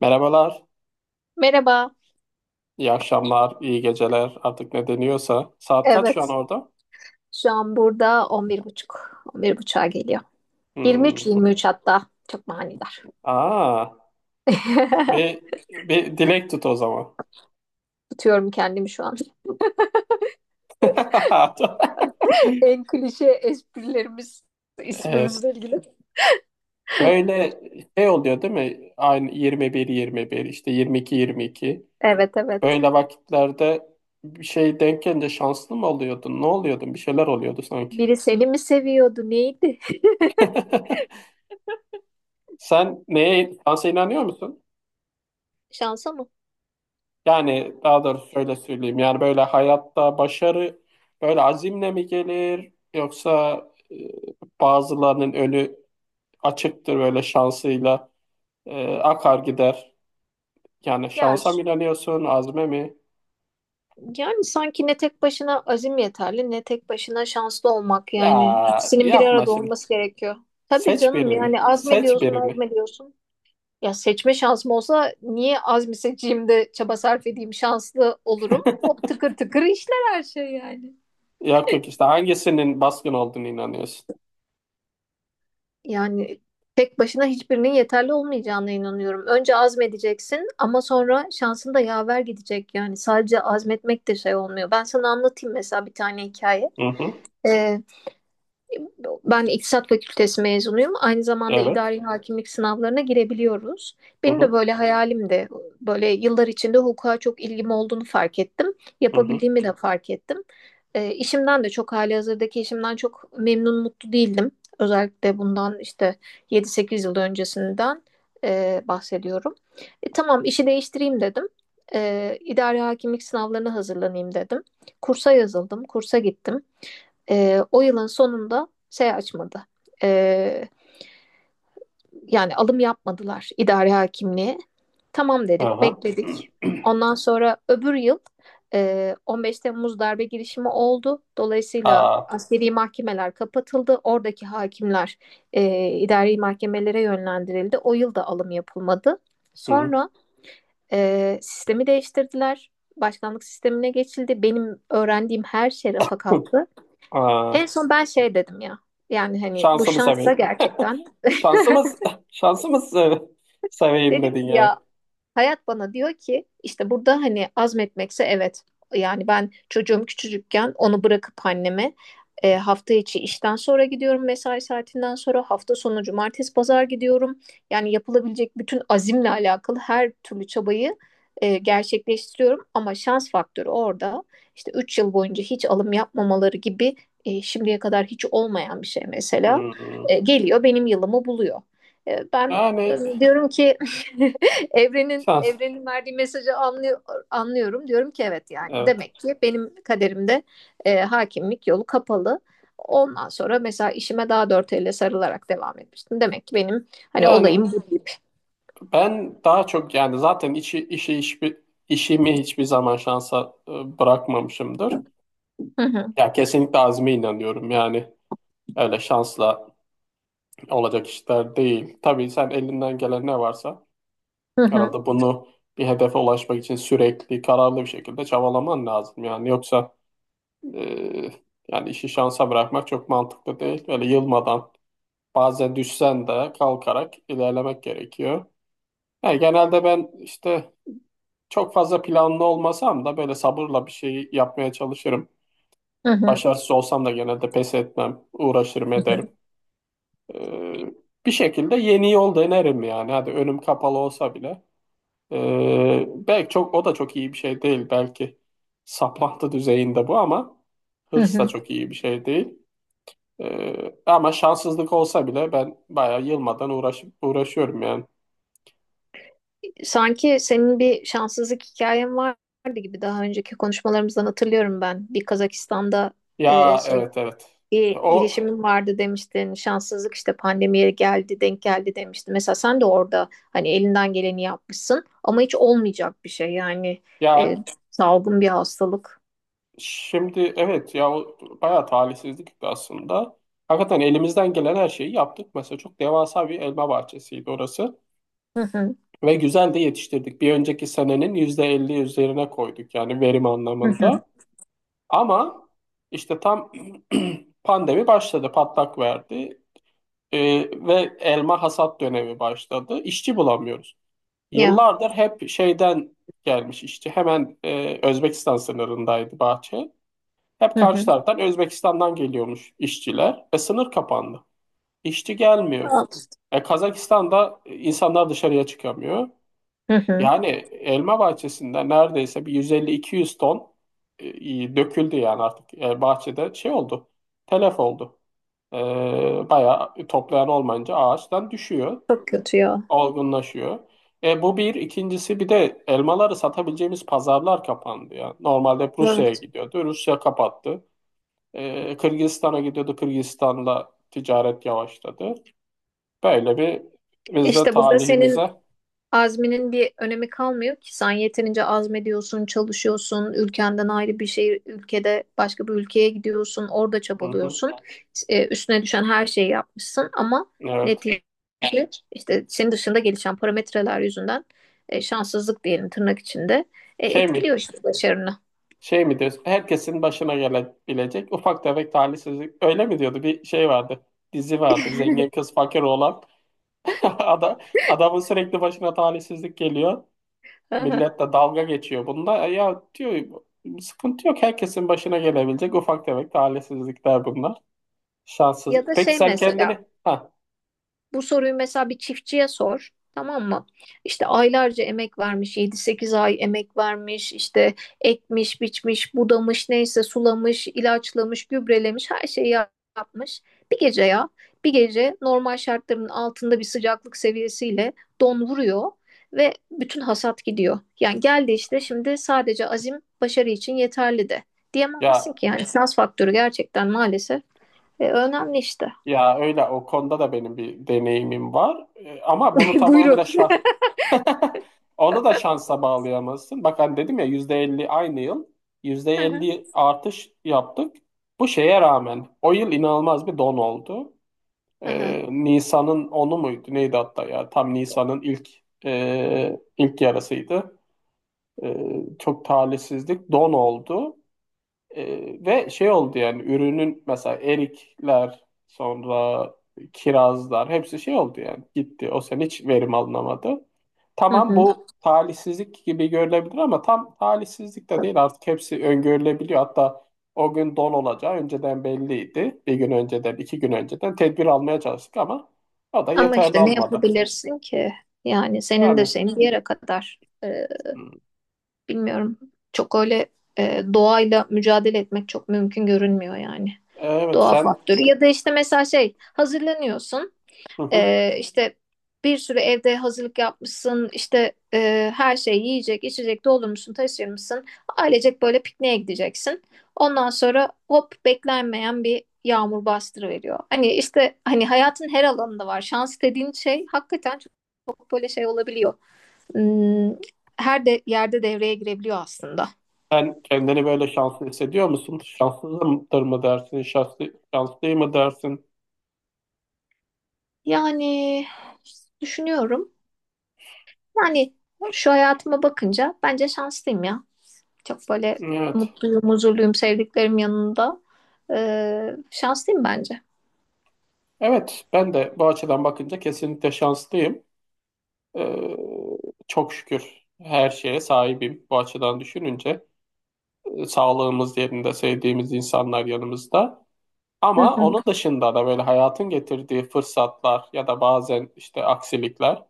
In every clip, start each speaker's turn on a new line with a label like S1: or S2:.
S1: Merhabalar,
S2: Merhaba.
S1: iyi akşamlar, iyi geceler artık ne deniyorsa. Saat kaç şu an
S2: Evet.
S1: orada?
S2: Şu an burada on on bir buçuk, on bir 11.30'a geliyor. Yirmi üç,
S1: Hmm.
S2: yirmi
S1: bu.
S2: üç hatta. Çok manidar.
S1: Aa, bir, bir dilek tut o zaman.
S2: Tutuyorum kendimi şu an. En klişe esprilerimiz
S1: Evet,
S2: ismimizle ilgili.
S1: böyle şey oluyor değil mi? Aynı 21-21 işte 22-22.
S2: Evet, evet.
S1: Böyle vakitlerde bir şey denk gelince şanslı mı oluyordun? Ne oluyordun? Bir şeyler oluyordu sanki.
S2: Biri seni mi seviyordu? Neydi?
S1: Sen neye şansa inanıyor musun?
S2: Şansa mı?
S1: Yani daha doğrusu şöyle söyleyeyim. Yani böyle hayatta başarı böyle azimle mi gelir yoksa e, bazılarının önü açıktır böyle şansıyla akar gider. Yani
S2: Ya,
S1: şansa mı inanıyorsun, azme mi?
S2: yani sanki ne tek başına azim yeterli ne tek başına şanslı olmak yani.
S1: Ya
S2: İkisinin bir
S1: yapma
S2: arada
S1: şimdi.
S2: olması gerekiyor. Tabii
S1: Seç
S2: canım,
S1: birini.
S2: yani
S1: Seç
S2: azmediyorsun
S1: birini.
S2: azmediyorsun. Ya seçme şansım olsa niye azmi seçeyim de çaba sarf edeyim, şanslı olurum. Hop tıkır tıkır işler her şey yani.
S1: Yok yok, işte hangisinin baskın olduğunu inanıyorsun?
S2: Yani tek başına hiçbirinin yeterli olmayacağına inanıyorum. Önce azmedeceksin ama sonra şansın da yaver gidecek. Yani sadece azmetmek de şey olmuyor. Ben sana anlatayım mesela bir tane hikaye.
S1: Hı hı.
S2: Ee, Ben İktisat Fakültesi mezunuyum. Aynı zamanda
S1: Evet.
S2: idari hakimlik sınavlarına girebiliyoruz.
S1: Hı
S2: Benim de
S1: hı.
S2: böyle hayalimdi. Böyle yıllar içinde hukuka çok ilgim olduğunu fark ettim.
S1: Hı hı.
S2: Yapabildiğimi de fark ettim. İşimden de çok, halihazırdaki işimden çok memnun mutlu değildim. Özellikle bundan işte 7-8 yıl öncesinden bahsediyorum. Tamam, işi değiştireyim dedim. İdari hakimlik sınavlarına hazırlanayım dedim. Kursa yazıldım, kursa gittim. O yılın sonunda şey açmadı. Ee, Yani alım yapmadılar idare hakimliğe. Tamam dedik,
S1: Aha.
S2: bekledik. Ondan sonra öbür yıl 15 Temmuz darbe girişimi oldu. Dolayısıyla
S1: Aa.
S2: askeri mahkemeler kapatıldı. Oradaki hakimler idari mahkemelere yönlendirildi. O yıl da alım yapılmadı.
S1: Hı hı.
S2: Sonra sistemi değiştirdiler. Başkanlık sistemine geçildi. Benim öğrendiğim her şey rafa
S1: Hı.
S2: kalktı.
S1: Aa.
S2: En son ben şey dedim ya. Yani hani bu
S1: Şansımı
S2: şansa
S1: seveyim.
S2: gerçekten.
S1: Şansımız, şansımız seveyim
S2: Dedim ki
S1: dedin yani.
S2: ya, hayat bana diyor ki işte burada hani azmetmekse evet. Yani ben, çocuğum küçücükken onu bırakıp anneme hafta içi işten sonra gidiyorum, mesai saatinden sonra, hafta sonu cumartesi pazar gidiyorum. Yani yapılabilecek bütün azimle alakalı her türlü çabayı gerçekleştiriyorum ama şans faktörü orada, işte 3 yıl boyunca hiç alım yapmamaları gibi şimdiye kadar hiç olmayan bir şey mesela
S1: Hmm.
S2: geliyor benim yılımı buluyor. E, ben
S1: Yani
S2: diyorum ki Evrenin
S1: şans,
S2: evrenin verdiği mesajı anlıyor, anlıyorum. Diyorum ki evet, yani
S1: evet.
S2: demek ki benim kaderimde hakimlik yolu kapalı. Ondan sonra mesela işime daha dört elle sarılarak devam etmiştim. Demek ki benim hani
S1: Yani
S2: olayım bu deyip.
S1: ben daha çok, yani zaten işimi hiçbir zaman şansa bırakmamışımdır.
S2: Hı hı,
S1: Ya kesinlikle azme inanıyorum yani. Öyle şansla olacak işler değil. Tabii sen elinden gelen ne varsa
S2: hı hı,
S1: herhalde bunu bir hedefe ulaşmak için sürekli kararlı bir şekilde çabalaman lazım yani. Yoksa... Ee, yani işi şansa bırakmak çok mantıklı değil. Böyle yılmadan bazen düşsen de kalkarak ilerlemek gerekiyor. Yani genelde ben işte çok fazla planlı olmasam da böyle sabırla bir şey yapmaya çalışırım.
S2: hı hı,
S1: Başarısız olsam da genelde pes etmem, uğraşırım ederim. Ee, bir şekilde yeni yol denerim yani. Hadi önüm kapalı olsa bile. Belki çok, o da çok iyi bir şey değil. Belki saplantı düzeyinde bu, ama
S2: hı
S1: hırs da
S2: hı.
S1: çok iyi bir şey değil. Ama şanssızlık olsa bile ben bayağı yılmadan uğraşıp uğraşıyorum yani.
S2: Sanki senin bir şanssızlık hikayen vardı gibi, daha önceki konuşmalarımızdan hatırlıyorum ben. Bir Kazakistan'da
S1: Ya,
S2: şey,
S1: evet evet.
S2: bir
S1: O
S2: girişimin vardı demiştin. Şanssızlık işte, pandemiye geldi, denk geldi demiştin. Mesela sen de orada hani elinden geleni yapmışsın ama hiç olmayacak bir şey yani,
S1: ya
S2: e, salgın bir hastalık.
S1: şimdi, evet ya, o bayağı talihsizlik aslında. Hakikaten elimizden gelen her şeyi yaptık. Mesela çok devasa bir elma bahçesiydi orası.
S2: Hı hı.
S1: Ve güzel de yetiştirdik. Bir önceki senenin %50 üzerine koyduk yani verim
S2: Hı hı.
S1: anlamında. Ama işte tam pandemi başladı, patlak verdi. Ve elma hasat dönemi başladı. İşçi bulamıyoruz.
S2: Ya.
S1: Yıllardır hep şeyden gelmiş işçi. Hemen Özbekistan sınırındaydı bahçe. Hep
S2: Hı
S1: karşı
S2: hı.
S1: taraftan Özbekistan'dan geliyormuş işçiler. Sınır kapandı. İşçi gelmiyor. Kazakistan'da insanlar dışarıya çıkamıyor.
S2: Hı hı.
S1: Yani elma bahçesinde neredeyse bir 150-200 ton döküldü yani artık. Bahçede şey oldu. Telef oldu. E, bayağı, toplayan olmayınca ağaçtan düşüyor,
S2: Çok kötü ya.
S1: olgunlaşıyor. Bu bir. İkincisi, bir de elmaları satabileceğimiz pazarlar kapandı ya. Normalde hep Rusya'ya
S2: Evet.
S1: gidiyordu. Rusya kapattı. Kırgızistan'a gidiyordu. Kırgızistan'la ticaret yavaşladı. Böyle bir, biz de
S2: İşte burada senin
S1: talihimize...
S2: azminin bir önemi kalmıyor ki, sen yeterince azmediyorsun, çalışıyorsun, ülkenden ayrı bir şehir, ülkede başka bir ülkeye gidiyorsun, orada
S1: Hı hı.
S2: çabalıyorsun. E, üstüne düşen her şeyi yapmışsın ama
S1: Evet.
S2: netice, işte senin dışında gelişen parametreler yüzünden şanssızlık diyelim tırnak içinde,
S1: Şey
S2: etkiliyor
S1: mi?
S2: işte başarını.
S1: Şey mi diyorsun? Herkesin başına gelebilecek ufak tefek talihsizlik. Öyle mi diyordu? Bir şey vardı. Dizi vardı. Zengin kız fakir oğlan. Ada, adamın sürekli başına talihsizlik geliyor.
S2: Hı hı.
S1: Millet de dalga geçiyor bunda. Ya, diyor, sıkıntı yok. Herkesin başına gelebilecek ufak tefek talihsizlikler bunlar. Şanssız.
S2: Ya da
S1: Peki
S2: şey
S1: sen kendini...
S2: mesela,
S1: Ha,
S2: bu soruyu mesela bir çiftçiye sor. Tamam mı? İşte aylarca emek vermiş, 7-8 ay emek vermiş, işte ekmiş, biçmiş, budamış, neyse, sulamış, ilaçlamış, gübrelemiş, her şeyi yapmış. Bir gece ya, bir gece normal şartların altında bir sıcaklık seviyesiyle don vuruyor ve bütün hasat gidiyor. Yani geldi işte şimdi, sadece azim başarı için yeterli de
S1: ya,
S2: diyemezsin ki yani, şans faktörü gerçekten maalesef önemli işte.
S1: ya öyle, o konuda da benim bir deneyimim var. Ama bunu
S2: Buyurun.
S1: tamamıyla şah... Onu da şansa bağlayamazsın. Bak hani dedim ya, %50 aynı yıl yüzde
S2: Hı hı.
S1: elli artış yaptık. Bu şeye rağmen o yıl inanılmaz bir don oldu.
S2: Hı hı.
S1: Nisan'ın onu muydu? Neydi hatta ya? Tam Nisan'ın ilk yarısıydı. Çok talihsizlik don oldu. Ve şey oldu yani ürünün, mesela erikler sonra kirazlar hepsi şey oldu yani, gitti. O sene hiç verim alınamadı.
S2: Hı
S1: Tamam,
S2: hı.
S1: bu talihsizlik gibi görülebilir ama tam talihsizlik de değil, artık hepsi öngörülebiliyor. Hatta o gün don olacağı önceden belliydi. Bir gün önceden, iki gün önceden tedbir almaya çalıştık ama o da
S2: Ama
S1: yeterli
S2: işte ne
S1: olmadı.
S2: yapabilirsin ki? Yani senin de
S1: Yani...
S2: şeyin bir yere kadar.
S1: Hmm.
S2: Bilmiyorum. Çok öyle doğayla mücadele etmek çok mümkün görünmüyor yani.
S1: Evet
S2: Doğa
S1: sen...
S2: faktörü. Ya da işte mesela şey, hazırlanıyorsun.
S1: Hı hı.
S2: İşte bir sürü evde hazırlık yapmışsın, işte her şey, yiyecek, içecek doldurmuşsun, taşırmışsın. Ailecek böyle pikniğe gideceksin. Ondan sonra hop, beklenmeyen bir yağmur bastırıveriyor. Hani işte, hani hayatın her alanında var. Şans dediğin şey hakikaten çok, çok böyle şey olabiliyor. Hmm, her de yerde devreye girebiliyor aslında.
S1: Sen kendini böyle şanslı hissediyor musun? Şanslıdır mı dersin? Şanslı mı dersin?
S2: Yani düşünüyorum. Yani şu hayatıma bakınca bence şanslıyım ya. Çok böyle
S1: Evet.
S2: mutluyum, huzurluyum, sevdiklerim yanında. Şanslıyım bence.
S1: Evet, ben de bu açıdan bakınca kesinlikle şanslıyım. Ee, çok şükür her şeye sahibim bu açıdan düşününce. Sağlığımız yerinde, sevdiğimiz insanlar yanımızda.
S2: Hı
S1: Ama
S2: hı.
S1: onun dışında da böyle hayatın getirdiği fırsatlar ya da bazen işte aksilikler.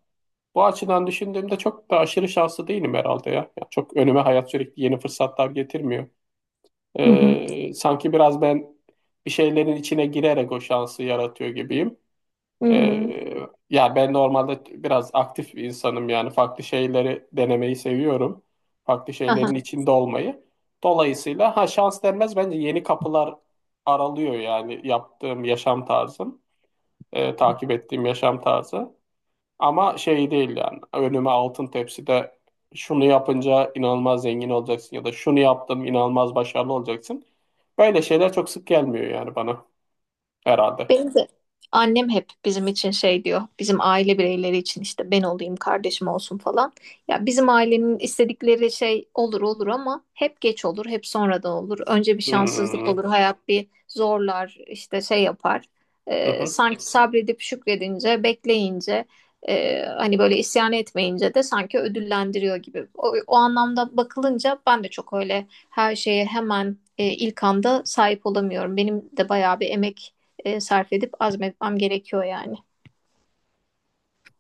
S1: Bu açıdan düşündüğümde çok da aşırı şanslı değilim herhalde ya. Yani çok önüme hayat sürekli yeni fırsatlar getirmiyor.
S2: Hı hı.
S1: Sanki biraz ben bir şeylerin içine girerek o şansı yaratıyor gibiyim.
S2: Hı hı.
S1: Ee, ya ben normalde biraz aktif bir insanım, yani farklı şeyleri denemeyi seviyorum. Farklı şeylerin
S2: Aha.
S1: içinde olmayı. Dolayısıyla ha, şans denmez bence, yeni kapılar aralıyor yani yaptığım yaşam tarzım, takip ettiğim yaşam tarzı. Ama şey değil yani, önüme altın tepside şunu yapınca inanılmaz zengin olacaksın ya da şunu yaptım inanılmaz başarılı olacaksın. Böyle şeyler çok sık gelmiyor yani bana herhalde.
S2: Benim de annem hep bizim için şey diyor. Bizim aile bireyleri için işte, ben olayım, kardeşim olsun falan. Ya bizim ailenin istedikleri şey olur olur, ama hep geç olur, hep sonradan olur. Önce bir şanssızlık
S1: Hmm.
S2: olur, hayat bir zorlar, işte şey yapar.
S1: Hı hı.
S2: Sanki sabredip şükredince, bekleyince, hani böyle isyan etmeyince de sanki ödüllendiriyor gibi. O anlamda bakılınca ben de çok öyle her şeye hemen ilk anda sahip olamıyorum. Benim de bayağı bir emek sarf edip azmetmem gerekiyor yani.